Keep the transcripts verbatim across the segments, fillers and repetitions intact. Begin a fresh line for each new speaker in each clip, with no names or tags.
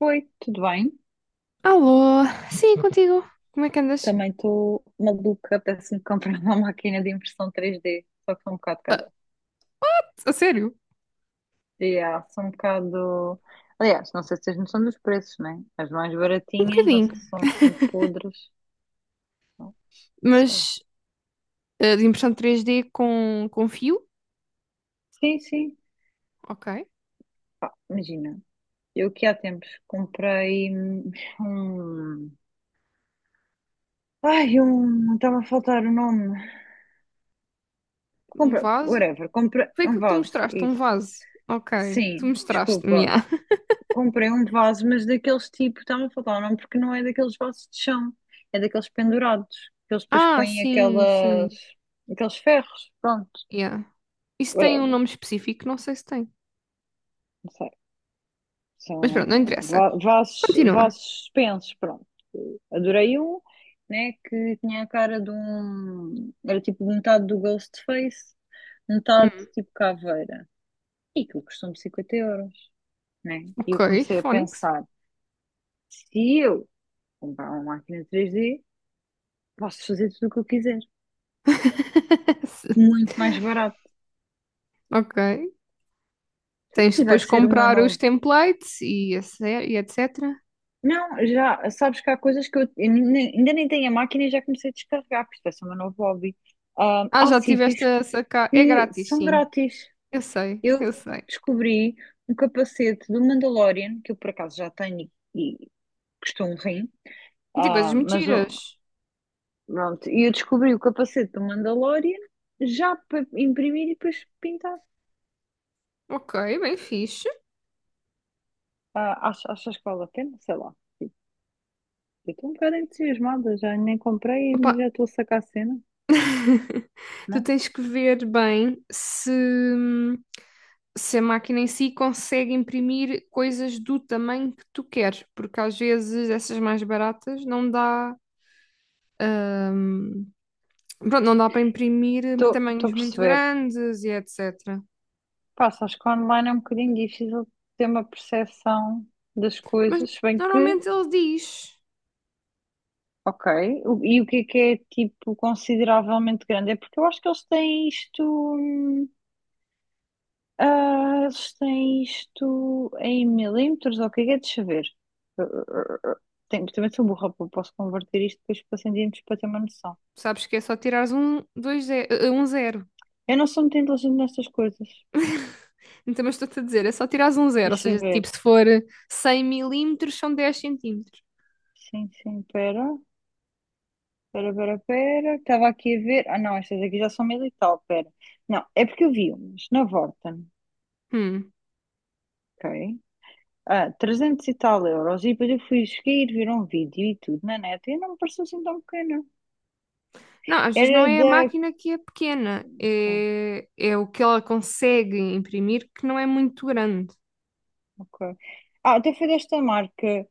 Oi, tudo bem?
Alô, sim, contigo. Como é que andas?
Também estou maluca, apetece-me comprar uma máquina de impressão três D, só que são um bocado cara.
A sério?
Yeah, são um bocado. Aliás, não sei se tens noção dos preços, né? As mais
Um
baratinhas, não
bocadinho,
sei se são assim podres. Não sei.
mas eh, de impressão três d com, com fio,
Sim, sim.
ok.
Pá, imagina, eu que há tempos comprei hum, um. Ai, um. Estava a faltar o nome.
Um
Compra,
vaso.
whatever, compra
Foi
um
aquilo que tu
vaso,
mostraste, um
isso.
vaso. Ok, tu
Sim,
mostraste-me,
desculpa.
yeah.
Comprei um vaso, mas daqueles tipo, está-me a faltar o nome, porque não é daqueles vasos de chão, é daqueles pendurados, que eles depois
Ah,
põem
sim,
aquelas,
sim,
aqueles ferros, pronto,
yeah. Isso tem um
whatever,
nome específico? Não sei se tem.
não sei.
Mas pronto, não
São
interessa.
va- vasos,
Continua.
vasos suspensos, pronto. Adorei um, né, que tinha a cara de um, era tipo metade do Ghostface, metade
Hum,
tipo caveira. E que custou-me cinquenta euros, né? E eu
ok,
comecei a
Phonics.
pensar, se eu comprar uma máquina três D, posso fazer tudo o que eu quiser. Muito mais barato.
Ok.
Pronto,
Tens de
e vai
depois
ser o meu
comprar os
novo.
templates e, esse- e etecetera.
Não, já sabes que há coisas que eu, eu nem- nem- ainda nem tenho a máquina e já comecei a descarregar, porque isto vai ser o meu novo hobby. Ah,
Ah,
há
já tiveste
sítios
a sacar. É
que
grátis,
são
sim.
grátis.
Eu sei,
Eu
eu sei.
descobri um capacete do Mandalorian, que eu por acaso já tenho e, e custou um rim.
Tem coisas
Ah, mas o-
mentiras.
pronto, e eu descobri o capacete do Mandalorian já para imprimir e depois pintar.
Ok, bem fixe.
Ah, achas, achas que vale a pena? Sei lá. Eu estou um bocado entusiasmada, já nem comprei,
Opa,
mas já estou a sacar a cena,
tu
né?
tens que ver bem se, se a máquina em si consegue imprimir coisas do tamanho que tu queres, porque às vezes essas mais baratas não dá, pronto, não dá para imprimir
Estou estou
tamanhos
a
muito
perceber.
grandes e etecetera.
Pá, acho que online é um bocadinho difícil ter uma percepção das
Mas
coisas, se bem que,
normalmente ele diz,
ok, o- e o que é que é, tipo, consideravelmente grande? É porque eu acho que eles têm isto, hum, ah, eles têm isto em milímetros, ou o que é que é, deixa eu ver. Ah, ah, ah, ah. Tenho- também sou burra, pô, posso converter isto depois para centímetros para ter uma noção.
sabes que é só tirares um, dois, ze- eh, um zero.
Eu não sou muito inteligente nestas coisas,
Então, mas estou-te a dizer, é só tirares um zero, ou
deixa eu
seja, tipo,
ver.
se for cem milímetros, são dez centímetros.
Sim, sim, pera, pera, pera, pera. Estava aqui a ver. Ah, não, estas aqui já são mil e tal, pera. Não, é porque eu vi umas na Vorten,
Hum.
ok? Ah, trezentos e tal euros. E depois eu fui seguir, ver um vídeo e tudo na net e não me pareceu assim tão pequena.
Não, às vezes não
Era
é a
da.
máquina que é pequena,
Ok.
é, é o que ela consegue imprimir que não é muito grande.
Ok. Ah, até foi desta marca,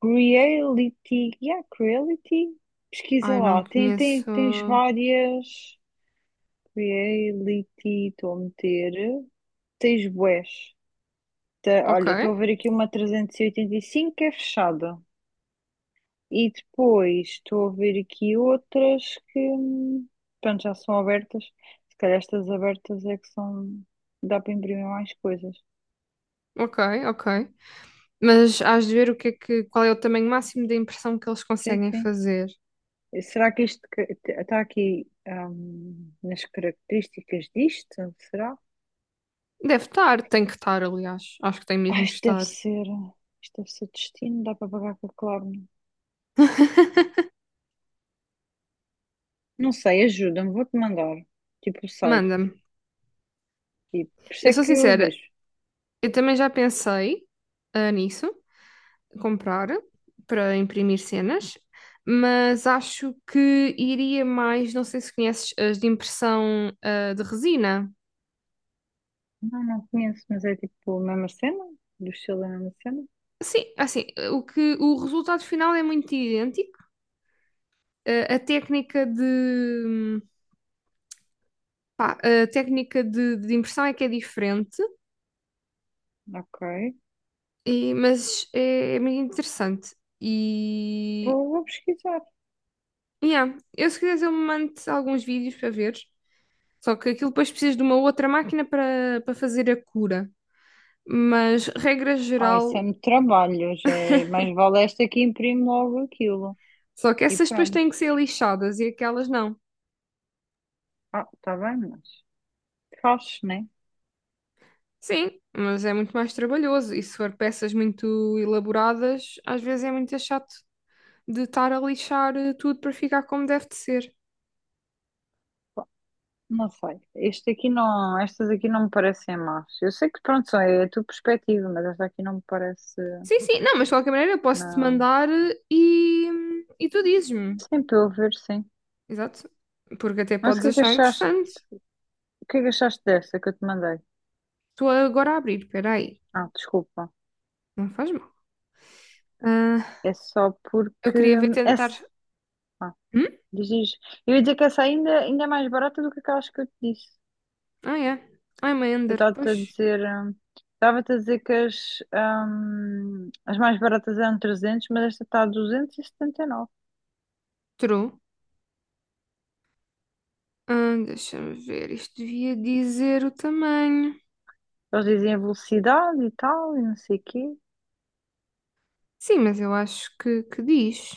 Creality. Yeah, Creality. Pesquisa
Ai, não
lá. Tem, tem,
conheço.
tens várias. Creality, estou a meter. Tens bués. Tá,
Ok,
olha, estou a ver aqui uma trezentos e oitenta e cinco que é fechada. E depois estou a ver aqui outras que, hum, pronto, já são abertas. Se calhar estas abertas é que são. Dá para imprimir mais coisas.
ok, ok. Mas hás de ver o que é que, qual é o tamanho máximo da impressão que eles
Sim,
conseguem
sim.
fazer.
E será que isto está aqui, hum, nas características disto? Será?
Deve estar, tem que estar, aliás. Acho que tem
Ah,
mesmo que
isto deve
estar.
ser. Isto deve ser destino. Dá para pagar com a Klarna. Não sei, ajuda-me. Vou-te mandar. Tipo o site.
Manda-me.
Tipo, por isso
Eu
é
sou
que eu
sincera,
vejo.
eu também já pensei ah, nisso. Comprar para imprimir cenas, mas acho que iria mais, não sei se conheces as de impressão ah, de resina.
Não, não conheço, mas é tipo a mesma cena? Do estilo da mesma cena?
Sim, assim, o que o resultado final é muito idêntico. Ah, a técnica de pá, a técnica de, de impressão é que é diferente,
Ok.
e- mas é, é muito interessante. E
Vou, vou pesquisar.
yeah, eu se quiseres eu mando alguns vídeos para ver. Só que aquilo depois precisas de uma outra máquina para para fazer a cura. Mas, regra
Ah, isso
geral,
é muito trabalho, já é... Mas vale esta que imprime logo aquilo.
só que
E
essas depois
pronto.
têm que ser lixadas e aquelas não.
Ah, está bem, mas fazes, né?
Sim, mas é muito mais trabalhoso. E se for peças muito elaboradas, às vezes é muito chato de estar a lixar eh, tudo para ficar como deve de ser.
Não sei. Este aqui não, estas aqui não me parecem más. Eu sei que pronto, só é a tua perspectiva, mas esta aqui não me parece,
Sim, sim, não, mas de qualquer maneira eu posso-te
não.
mandar eh, e, e tu dizes-me.
Sim, para eu ver, sim.
Exato. Porque até
Mas o
podes
que é que
achar
achaste?
interessante.
O que é que achaste desta que eu te mandei?
Estou agora a abrir, espera aí.
Ah, desculpa.
Não faz mal. Ah,
É só
eu
porque.
queria ver
É...
tentar. Hum?
Diz, eu ia dizer que essa ainda, ainda é mais barata do que aquelas que eu te disse.
Ah, é. I'm a
Eu
Ender,
estava-te
pois.
a dizer, hum, estava-te a dizer que as, hum, as mais baratas eram trezentos, mas esta está a duzentos e setenta e nove.
True. Ah, deixa-me ver, isto devia dizer o tamanho.
Eles dizem a velocidade e tal, e não sei o quê.
Sim, mas eu acho que, que diz.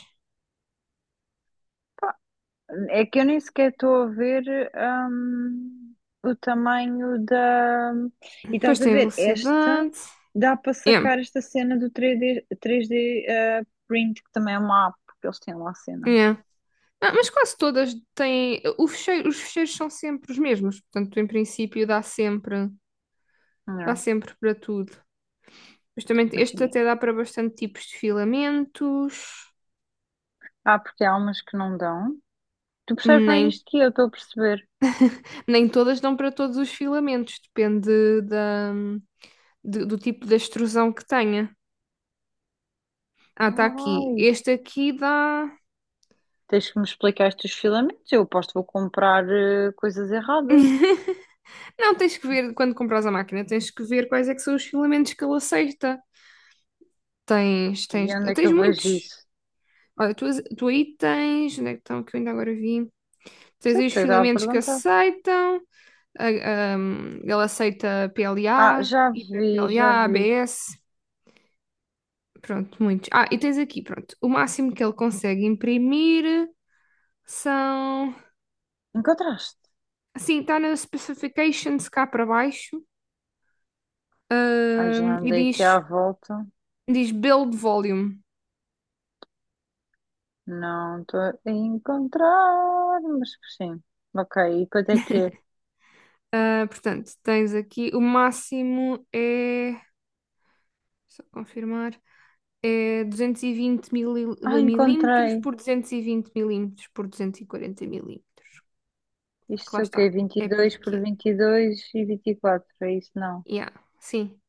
É que eu nem sequer estou a ver, hum, o tamanho da. E
Depois
estás a
tem a
ver, esta
velocidade.
dá para
Yeah,
sacar esta cena do três D três D, eh, print, que também é uma app, porque eles têm lá cenas.
yeah. Ah, mas quase todas têm. O fecheiro- os fecheiros são sempre os mesmos, portanto, em princípio, dá sempre, dá
Não,
sempre para tudo. Justamente este
imagina.
até dá para bastante tipos de filamentos.
Ah, porque há umas que não dão. Tu percebes mais
Nem,
isto que eu, estou a perceber.
nem todas dão para todos os filamentos, depende da, de- do tipo de extrusão que tenha. Ah, está aqui.
Ai,
Este aqui dá.
tens que me explicar estes filamentos. Eu aposto que vou comprar eh, coisas erradas.
Não, tens que ver, quando compras a máquina, tens que ver quais é que são os filamentos que ele aceita. Tens,
E
tens,
onde é que
tens
eu vejo
muitos.
isso? Não
Olha, tu, tu aí tens, onde é que estão, que eu ainda agora vi? Tens
sei,
aí os
porque dá a
filamentos que
perguntar.
aceitam, a- ahm, ele aceita
Ah,
P L A,
já vi, já
hiper-P L A,
vi.
A B S, pronto, muitos. Ah, e tens aqui, pronto, o máximo que ele consegue imprimir são,
Encontraste?
assim, está nas specifications cá para baixo,
Ai,
ahm,
já
e
andei
diz,
aqui à volta.
diz build volume.
Não estou a encontrar, mas sim. Ok, e quanto é que é?
Ah, portanto, tens aqui o máximo é, só confirmar, é duzentos e vinte mili-
Ah,
milímetros
encontrei.
por duzentos e vinte milímetros por duzentos e quarenta milímetros. Que
Isto
lá
é o
está,
quê? Vinte
é
e dois por
pequeno.
vinte e dois e e vinte e quatro é isso? Não.
Yeah, sim,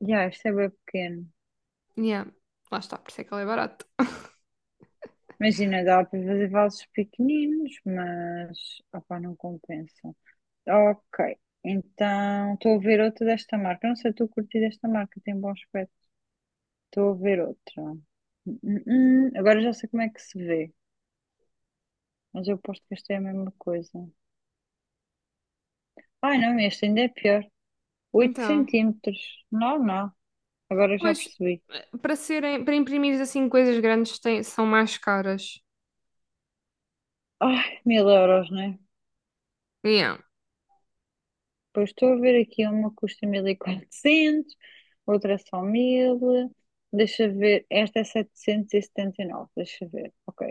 Já, isto é bem pequeno.
yeah, lá está, por isso é que ela é barata.
Imagina, dá para fazer vasos pequeninos, mas opá, não compensa. Ok, então estou a ver outra desta marca. Não sei, estou a curtir desta marca, tem bom aspecto. Estou a ver outra. Hum, hum, hum, Agora já sei como é que se vê, mas eu aposto que esta é a mesma coisa. Ai não, este ainda é pior. Oito
Então,
centímetros. Não, não, agora já
pois,
percebi.
eh, para serem, para imprimir assim coisas grandes têm- são mais caras.
Ai, mil euros, né?
Yeah,
Depois estou a ver aqui uma custa mil e quatrocentos, outra só mil. Deixa ver, esta é setecentos e e setenta e nove. Deixa ver. Ok,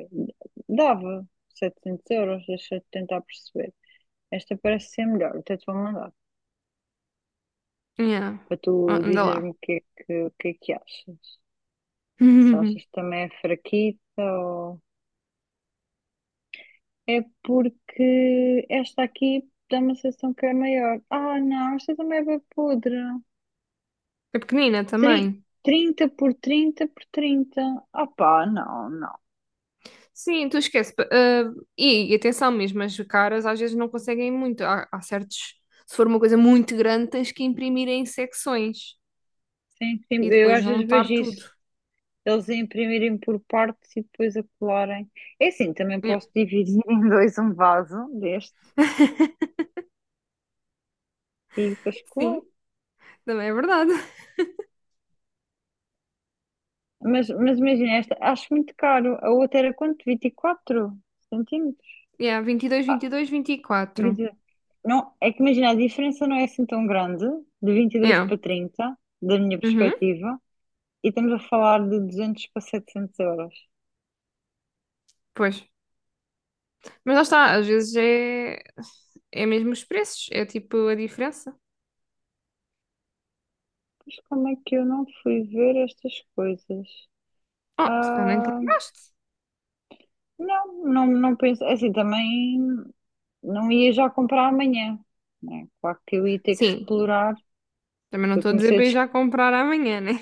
dava setecentos euros, deixa eu tentar perceber. Esta parece ser melhor, até te vou mandar,
yeah.
para tu
Ah, anda lá.
dizeres-me o que é que, o que é que achas. Se achas que também é fraquita ou... É porque esta aqui dá uma sensação que é maior. Ah, não, esta também é bem podre.
É pequenina
Tri-
também.
trinta por trinta por trinta, opá, não, não.
Sim, tu esquece. Pa- ah, e, e atenção mesmo, as caras às vezes não conseguem muito. Há, há certos. Se for uma coisa muito grande, tens que imprimir em secções
Sim, sim,
e
eu
depois
às vezes
juntar
vejo
tudo.
isso. Eles a imprimirem por partes e depois a colarem. É assim, também
Yeah.
posso dividir em dois um vaso destes e depois
Sim,
colar.
também é verdade.
Mas, mas imagina esta, acho muito caro. A outra era quanto? Vinte e quatro centímetros?
Yeah, vinte e dois, vinte e dois, vinte e quatro.
Vinte- e- Não, é que imagina, a diferença não é assim tão grande, de vinte e dois
Yeah.
para trinta, da minha
Uhum,
perspectiva, e estamos a falar de duzentos para setecentos euros.
pois. Mas lá está, às vezes é, é mesmo os preços, é tipo a diferença.
Mas como é que eu não fui ver estas coisas?
Oh, se calhar nem te
Ah,
lembraste.
não, não, não penso. É assim, também não ia já comprar amanhã, né? Claro que eu ia ter que
Sim,
explorar.
também não
Eu
estou a dizer
comecei a
para ir
des-
já comprar amanhã, né?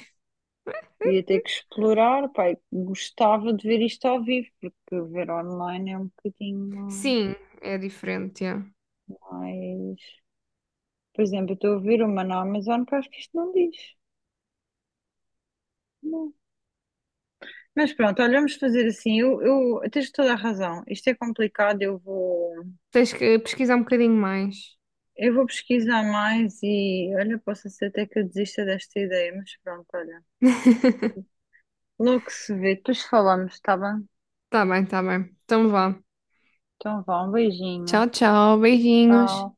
ia ter que explorar, pai, gostava de ver isto ao vivo, porque ver online é um bocadinho
Sim, é diferente, é.
mais. Por exemplo, eu estou a ver uma na Amazon que eu acho que isto não diz. Não. Mas pronto, olha, vamos fazer assim. Eu, eu tens toda a razão. Isto é complicado, eu vou.
Tens que pesquisar um bocadinho mais.
Eu vou pesquisar mais e olha, posso ser até que eu desista desta ideia, mas pronto, olha. Logo se vê, depois falamos, tá bem?
Tá bem, tá bem. Então vá.
Então vá, um
Tchau,
beijinho.
tchau. Beijinhos.
Tchau.